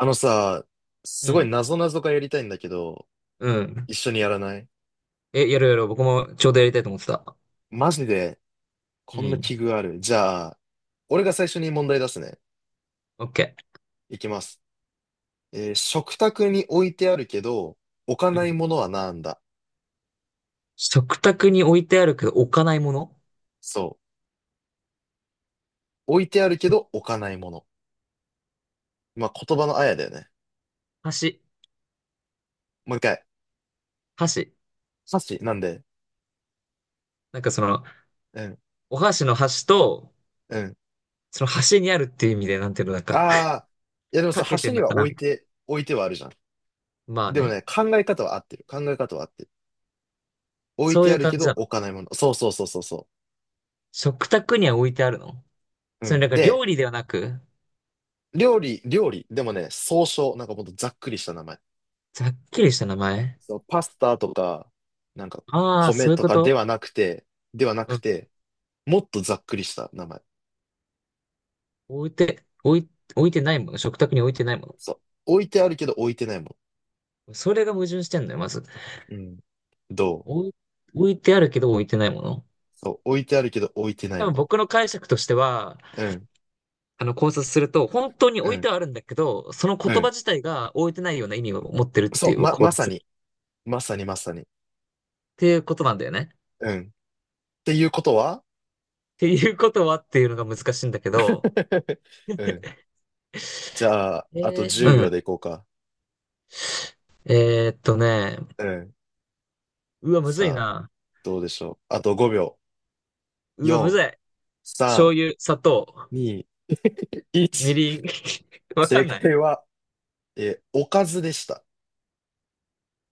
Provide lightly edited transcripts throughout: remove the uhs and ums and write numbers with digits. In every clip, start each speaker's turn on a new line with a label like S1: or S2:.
S1: あのさ、す
S2: う
S1: ごい
S2: ん。
S1: 謎々がやりたいんだけど、
S2: うん。
S1: 一緒にやらない？
S2: え、やるやる。僕もちょうどやりたいと思ってた。
S1: マジで、
S2: う
S1: こんな
S2: ん。
S1: 器具ある？じゃあ、俺が最初に問題出すね。
S2: オッケ
S1: いきます。食卓に置いてあるけど、置か
S2: ー。う
S1: な
S2: ん。
S1: いものはなんだ？
S2: 食卓に置いてあるけど置かないもの。
S1: そう。置いてあるけど、置かないもの。まあ、言葉のあやだよね。
S2: 箸。
S1: もう一回。
S2: 箸。
S1: 箸なんで？
S2: なんかその、
S1: うん、
S2: お箸の箸と、
S1: うん。
S2: その箸にあるっていう意味で、なんていうの、なんか、
S1: ああ、いやでもさ、
S2: かけて
S1: 箸
S2: ん
S1: に
S2: の
S1: は
S2: かな
S1: 置い
S2: みたい
S1: て、置いてはあるじゃん。
S2: な。まあ
S1: でも
S2: ね。
S1: ね、考え方は合ってる。考え方は合ってる。置い
S2: そう
S1: て
S2: い
S1: あ
S2: う
S1: る
S2: 感
S1: け
S2: じ
S1: ど、
S2: なの。
S1: 置かないもの。そうそうそうそうそ
S2: 食卓には置いてあるの？
S1: う。う
S2: それ
S1: ん。
S2: なんか
S1: で、
S2: 料理ではなく、
S1: 料理、料理。でもね、総称。なんかもっとざっくりした名前。
S2: ざっくりした名前。
S1: そう、パスタとか、なんか、
S2: ああ、
S1: 米
S2: そういう
S1: と
S2: こ
S1: かで
S2: と。
S1: はなくて、ではな
S2: う
S1: く
S2: ん。
S1: て、もっとざっくりした名前。
S2: 置いて、置い、置いてないもの。食卓に置いてないも
S1: そう。置いてあるけど置いてないも
S2: の。それが矛盾してんのよ、まず。
S1: の。うん。どう？
S2: 置い、置いてあるけど置いてないもの。
S1: そう。置いてあるけど置いてない
S2: 多分
S1: も
S2: 僕の解釈としては、
S1: の。うん。
S2: あの考察すると、本当に
S1: う
S2: 置いて
S1: ん。
S2: はあるんだけど、その
S1: う
S2: 言葉
S1: ん。
S2: 自体が置いてないような意味を持ってるって
S1: そ
S2: い
S1: う。
S2: う
S1: ま、
S2: 考
S1: まさ
S2: 察。
S1: に。まさにまさに。
S2: っていうことなんだよね。っ
S1: うん。っていうことは。
S2: ていうことはっていうのが難しいんだけど、
S1: うん。じゃあ、あと10
S2: う
S1: 秒
S2: ん。
S1: でいこうか。
S2: えーっとね、
S1: うん。
S2: うわ、むずい
S1: さあ、
S2: な。
S1: どうでしょう。あと5秒。
S2: うわ、むず
S1: 4、
S2: い。醤油、砂糖、
S1: 3、2、
S2: み
S1: 1。
S2: りん。わか
S1: 正
S2: んない。
S1: 解は、おかずでした。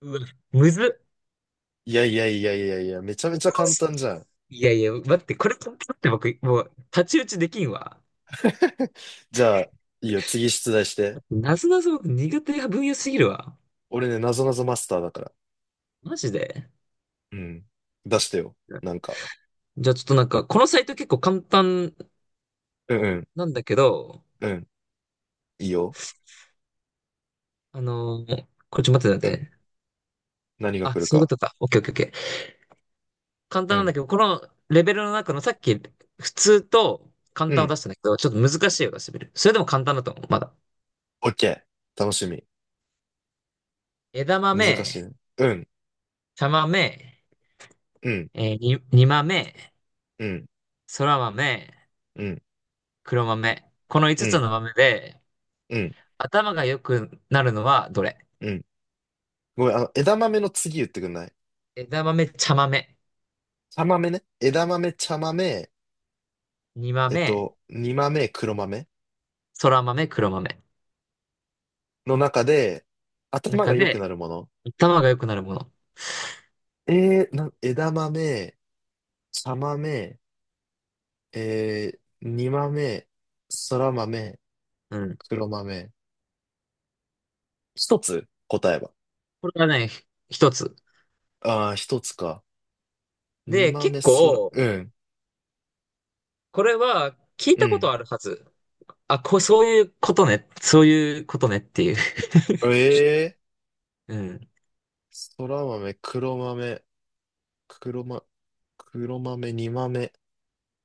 S2: うわ、むずっ。
S1: いやいやいやいやいや、めちゃめ
S2: お
S1: ちゃ
S2: か
S1: 簡
S2: し
S1: 単じゃん。
S2: い、いやいや、待って、これ、だって僕、もう、太刀打ちできんわ。
S1: じゃあ、いいよ、次出題して。
S2: なぞなぞ苦手な分野すぎるわ。
S1: 俺ね、なぞなぞマスターだから。
S2: マジで。
S1: うん。出してよ。なんか。
S2: じゃあちょっとなんか、このサイト結構簡単
S1: うんうん。
S2: なんだけど、
S1: うん。いいよ。
S2: これちょっと待っ
S1: う
S2: て待
S1: ん。
S2: って。
S1: 何が
S2: あ、
S1: 来る
S2: そういうこ
S1: か。
S2: とか。オッケーオッケーオッケー。簡
S1: う
S2: 単なんだ
S1: ん。
S2: けど、このレベルの中のさっき普通と簡
S1: う
S2: 単を
S1: ん。
S2: 出したんだけど、ちょっと難しいを出してみる。それでも簡単だと思う、まだ。
S1: オッケー。楽しみ。
S2: 枝
S1: 難
S2: 豆、
S1: しいね。うん。
S2: 茶豆、
S1: うん。
S2: 煮豆、
S1: うん。
S2: 空豆、
S1: うん。
S2: 黒豆。この5
S1: う
S2: つ
S1: ん。
S2: の豆で、
S1: うん。
S2: 頭が良くなるのはどれ？
S1: うん。ごめん、枝豆の次言ってくんない？
S2: 枝豆、茶豆、
S1: 茶豆ね。枝豆、茶豆、
S2: 煮豆、
S1: 煮豆、黒豆
S2: そら豆、黒豆。
S1: の中で、頭
S2: 中
S1: が良く
S2: で、
S1: なるもの。
S2: 頭が良くなるもの。
S1: 枝豆、茶豆、煮豆、空豆、
S2: うん。
S1: 黒豆。一つ答えは？
S2: これがね、一つ。
S1: ああ、一つか。煮
S2: で、結
S1: 豆、空、
S2: 構、
S1: うん、
S2: これは聞い
S1: う
S2: たこ
S1: ん。
S2: とあるはず。あ、こう、そういうことね。そういうことねっていう。
S1: ええ
S2: うん。
S1: ー、空豆、黒豆、黒ま、黒豆、煮豆、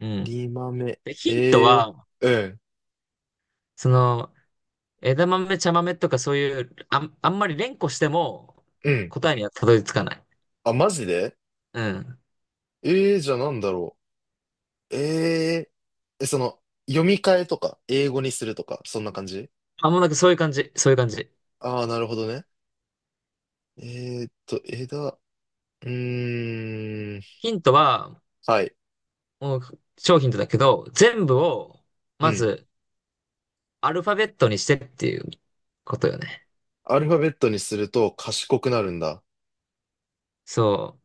S2: うん。
S1: 煮豆、
S2: で、ヒント
S1: え
S2: は、
S1: えー、
S2: その、枝豆、茶豆とかそういう、あんまり連呼しても
S1: うん、うん。
S2: 答えにはたどり着かない。
S1: あ、マジで？
S2: うん。
S1: ええー、じゃあなんだろう。えええ、その、読み替えとか、英語にするとか、そんな感じ？
S2: あ、もうなんかそういう感じ。そういう感じ。
S1: ああー、なるほどね。えーっと、枝、うーん、
S2: ヒントは、
S1: はい、
S2: もう、商品だけど、全部を、
S1: う
S2: ま
S1: ん。
S2: ず、アルファベットにしてっていうことよね。
S1: アルファベットにすると賢くなるんだ。
S2: そ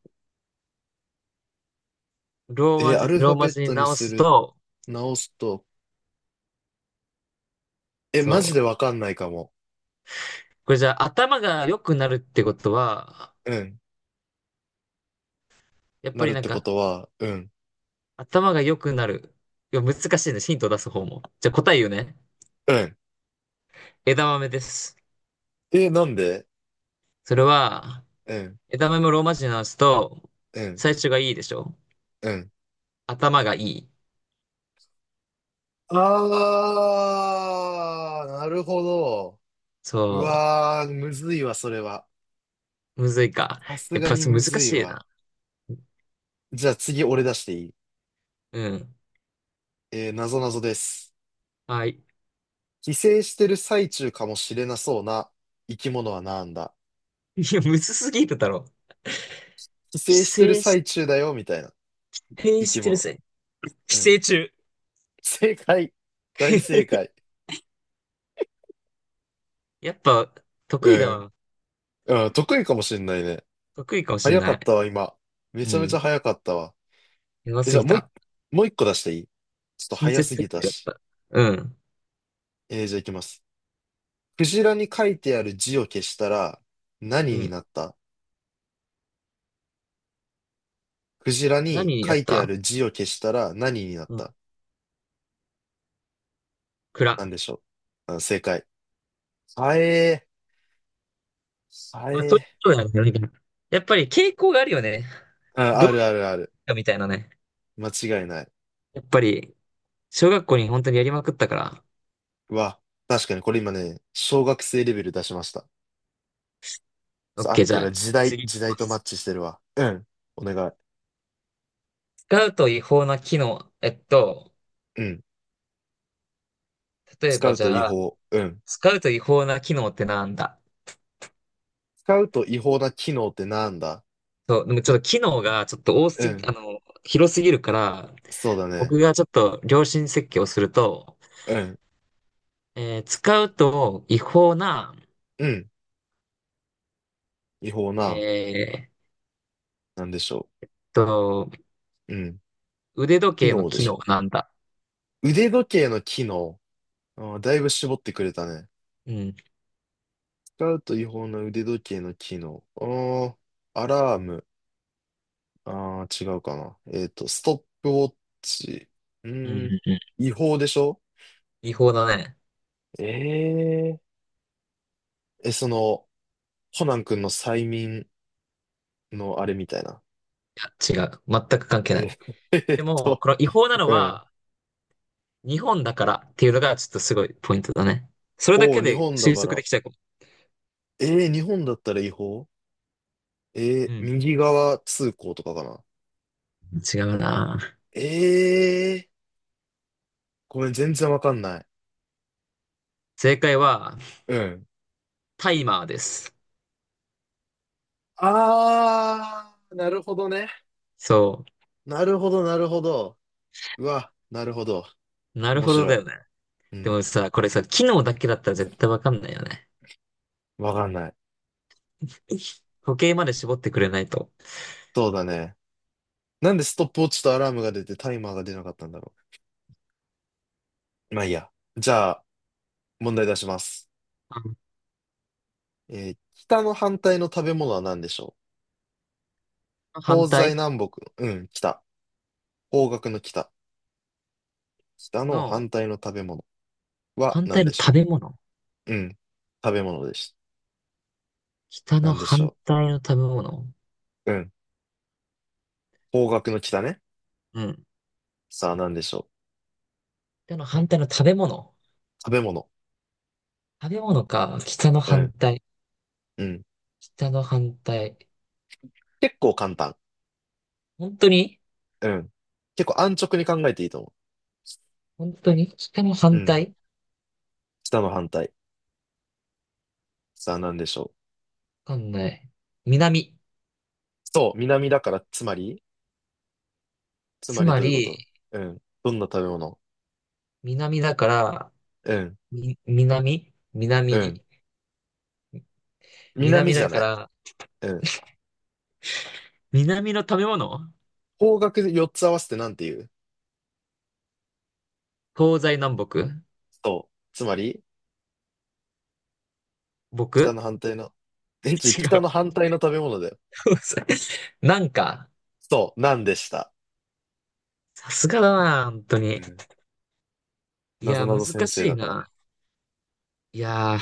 S2: う。ローマ
S1: ア
S2: 字、
S1: ルフ
S2: ロ
S1: ァ
S2: ー
S1: ベ
S2: マ
S1: ッ
S2: 字に
S1: トに
S2: 直
S1: す
S2: す
S1: る、
S2: と、
S1: 直すと、え、
S2: そ
S1: マジで
S2: う。
S1: わかんないかも。
S2: これじゃあ頭が良くなるってことは、
S1: うん、
S2: やっ
S1: な
S2: ぱ
S1: る
S2: り
S1: っ
S2: なん
S1: てこ
S2: か
S1: とは、うん、
S2: 頭が良くなる。いや、難しいね。ヒントを出す方も。じゃあ答え言うね。
S1: うん。
S2: 枝豆です。
S1: え、なんで？
S2: それは、
S1: うん、
S2: 枝豆もローマ字に直すと、
S1: うん、
S2: 最初がいいでしょ？
S1: うん。
S2: 頭がいい。
S1: ああ、なるほど。う
S2: そ
S1: わー、むずいわ、それは。
S2: う。むずいか。
S1: さす
S2: やっ
S1: が
S2: ぱ
S1: に
S2: そう
S1: む
S2: 難
S1: ずい
S2: しい
S1: わ。
S2: な。
S1: じゃあ次俺出していい？
S2: うん。
S1: なぞなぞです。
S2: はい。
S1: 寄生してる最中かもしれなそうな生き物はなんだ？
S2: いや、むずすぎるだろ。
S1: 寄
S2: 規
S1: 生してる
S2: 制し、
S1: 最中だよ、みたいな
S2: 規制
S1: 生
S2: し
S1: き
S2: てる、
S1: 物。
S2: 寄
S1: う
S2: 生
S1: ん。
S2: 虫。
S1: 正解。大正 解。
S2: やっぱ、得意だ
S1: うん。
S2: わ。
S1: うん、得意かもしれないね。
S2: 得意かもしん
S1: 早か
S2: ない。
S1: ったわ、今。め
S2: う
S1: ちゃめち
S2: ん。
S1: ゃ早かったわ。
S2: やば
S1: え、じ
S2: す
S1: ゃあ
S2: ぎ
S1: もう一、
S2: た。
S1: もう一個出していい？ちょっと
S2: 親
S1: 早
S2: 切
S1: すぎ
S2: 設
S1: た
S2: 計だっ
S1: し。
S2: た。うん。
S1: じゃあいきます。クジラに書いてある字を消したら
S2: う
S1: 何に
S2: ん。
S1: なった？クジラに
S2: 何
S1: 書
S2: やっ
S1: いてあ
S2: た？
S1: る字を消したら何になっ
S2: うん。
S1: た？
S2: 蔵。
S1: なんでしょう。あ、正解。はえー、は
S2: まあ、そうい
S1: え
S2: うことだよね。やっぱり傾向があるよね。
S1: ー。あ、
S2: どう
S1: あ
S2: い
S1: る
S2: う
S1: あるある。
S2: かみたいなね。
S1: 間違いない。
S2: やっぱり、小学校に本当にやりまくったから。
S1: うわ、確かにこれ今ね、小学生レベル出しました。
S2: オッ
S1: そう合
S2: ケ
S1: っ
S2: ー、じ
S1: て
S2: ゃ
S1: る
S2: あ、
S1: わ。時代、
S2: 次い
S1: 時
S2: き
S1: 代
S2: ま
S1: とマッ
S2: す。
S1: チしてるわ。うん。お願い。
S2: 使うと違法な機能。
S1: うん。
S2: 例え
S1: 使
S2: ば
S1: う
S2: じ
S1: と違
S2: ゃあ、
S1: 法。うん。
S2: 使うと違法な機能ってなんだ？
S1: 使うと違法な機能ってなんだ？
S2: そう、でもちょっと機能がちょっと多
S1: う
S2: すぎ、あ
S1: ん。
S2: の、広すぎるから、
S1: そうだ
S2: 僕
S1: ね。
S2: がちょっと良心設計をすると、
S1: うん。
S2: 使うと違法な、
S1: うん。違法な、
S2: えーっ
S1: なんでしょ
S2: と、
S1: う。うん。
S2: 腕時
S1: 機
S2: 計の
S1: 能で
S2: 機
S1: し
S2: 能は
S1: ょ
S2: なんだ。
S1: う。腕時計の機能。あーだいぶ絞ってくれたね。
S2: うん。
S1: 使うと違法な腕時計の機能。ああ、アラーム。ああ、違うかな。ストップウォッチ。う
S2: うん、う
S1: ーん、
S2: ん、うん。
S1: 違法でしょ？
S2: 違法だね。
S1: ええー。え、その、コナン君の催眠のあれみたいな。
S2: いや、違う。全く関係な
S1: え
S2: い。
S1: ー。 え
S2: で
S1: っ
S2: も、
S1: と、
S2: この違法なの
S1: うん。
S2: は日本だからっていうのがちょっとすごいポイントだね。それだ
S1: おお、
S2: け
S1: 日
S2: で
S1: 本だ
S2: 推
S1: か
S2: 測
S1: ら。
S2: できちゃうかも。
S1: えー、日本だったら違法？えー、
S2: うん。
S1: 右側通行とかかな。
S2: 違うな。
S1: えー、ごめん、全然わかんない。
S2: 正解は
S1: うん。
S2: タイマーです。
S1: あー、なるほどね。
S2: そ
S1: なるほど、なるほど。うわ、なるほど。
S2: う。なる
S1: 面
S2: ほど
S1: 白
S2: だ
S1: い。
S2: よね。
S1: う
S2: でも
S1: ん。
S2: さ、これさ、機能だけだったら絶対わかんないよね。
S1: わかんない。
S2: 時計まで絞ってくれないと。
S1: そうだね。なんでストップウォッチとアラームが出てタイマーが出なかったんだろう。まあいいや。じゃあ、問題出します。
S2: あ
S1: 北の反対の食べ物は何でしょ
S2: の
S1: う？
S2: 反
S1: 東西
S2: 対
S1: 南北の。うん、北。方角の北。北の
S2: の、
S1: 反対の食べ物は
S2: 反
S1: 何
S2: 対の
S1: でし
S2: 食
S1: ょ
S2: べ物。
S1: う？うん。食べ物です。
S2: 北の
S1: 何でし
S2: 反
S1: ょ
S2: 対の食べ物。
S1: う？うん。方角の北ね。
S2: うん。
S1: さあ何でしょ
S2: 北の反対の食べ物。
S1: う？食べ物。
S2: 食べ物か。北の
S1: う
S2: 反
S1: ん。
S2: 対。
S1: うん。
S2: 北の反対。
S1: 結構簡単。
S2: 本当に？
S1: うん。結構安直に考えていいと思
S2: 本当に北の
S1: う。う
S2: 反
S1: ん。
S2: 対。
S1: 北の反対。さあ、何でしょう。
S2: わかんない。南。
S1: そう、南だから、つまり。つま
S2: つ
S1: り
S2: ま
S1: どういうこ
S2: り、
S1: と？うん。どんな食べ物？
S2: 南だから、
S1: うん。
S2: み、南
S1: うん。
S2: 南。
S1: 南
S2: 南
S1: じゃ
S2: だか
S1: ない。
S2: ら、
S1: うん。
S2: 南の食べ物。
S1: 方角4つ合わせてなんて言う？
S2: 東西南北。
S1: そう。つまり、北
S2: 僕。
S1: の反対の、え、ちょ、
S2: 違
S1: 北
S2: う。
S1: の反対の食べ物だよ。
S2: 東西。なんか、
S1: そう、なんでした。
S2: さすがだな、本当
S1: う
S2: に。
S1: ん。
S2: い
S1: なぞ
S2: や、
S1: な
S2: 難
S1: ぞ先生
S2: し
S1: だ
S2: い
S1: から。
S2: な。いやー、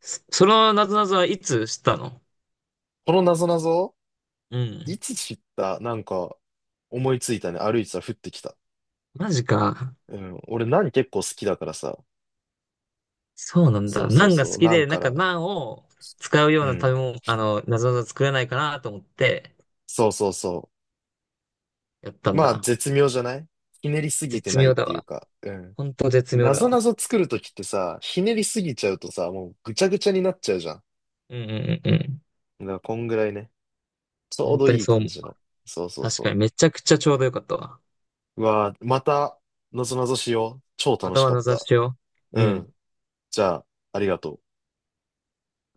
S2: そのなぞなぞはいつ知ったの？
S1: このなぞなぞ、
S2: う
S1: い
S2: ん。
S1: つ知った？なんか、思いついたね。歩いてたら降ってきた。
S2: マジか。
S1: うん。俺、何結構好きだからさ。
S2: そうなん
S1: そ
S2: だ。
S1: うそ
S2: ナ
S1: う
S2: ンが好
S1: そう。
S2: き
S1: なん
S2: で、なん
S1: か
S2: か
S1: ら、
S2: ナンを使うよ
S1: う
S2: うな食
S1: ん。
S2: べ物、なぞなぞ作れないかなと思って
S1: そうそうそ
S2: やった
S1: う。
S2: ん
S1: まあ、
S2: だ。
S1: 絶妙じゃない？ひねりすぎて
S2: 絶
S1: ない
S2: 妙
S1: っ
S2: だ
S1: ていう
S2: わ。
S1: か、うん。
S2: 本当絶妙
S1: な
S2: だ
S1: ぞな
S2: わ。
S1: ぞ作るときってさ、ひねりすぎちゃうとさ、もうぐちゃぐちゃになっちゃうじゃん。
S2: うんうんうんうん。
S1: だから、こんぐらいね。ちょう
S2: 本
S1: ど
S2: 当に
S1: いい
S2: そう
S1: 感
S2: 思う。
S1: じの。そうそう
S2: 確か
S1: そ
S2: にめちゃくちゃちょうどよかったわ。
S1: う。うわーまた、なぞなぞしよう。超
S2: ま
S1: 楽
S2: た
S1: し
S2: は
S1: か
S2: な
S1: っ
S2: ぞなぞ
S1: た。
S2: しよう。
S1: う
S2: うん。
S1: ん。じゃあ、ありがとう。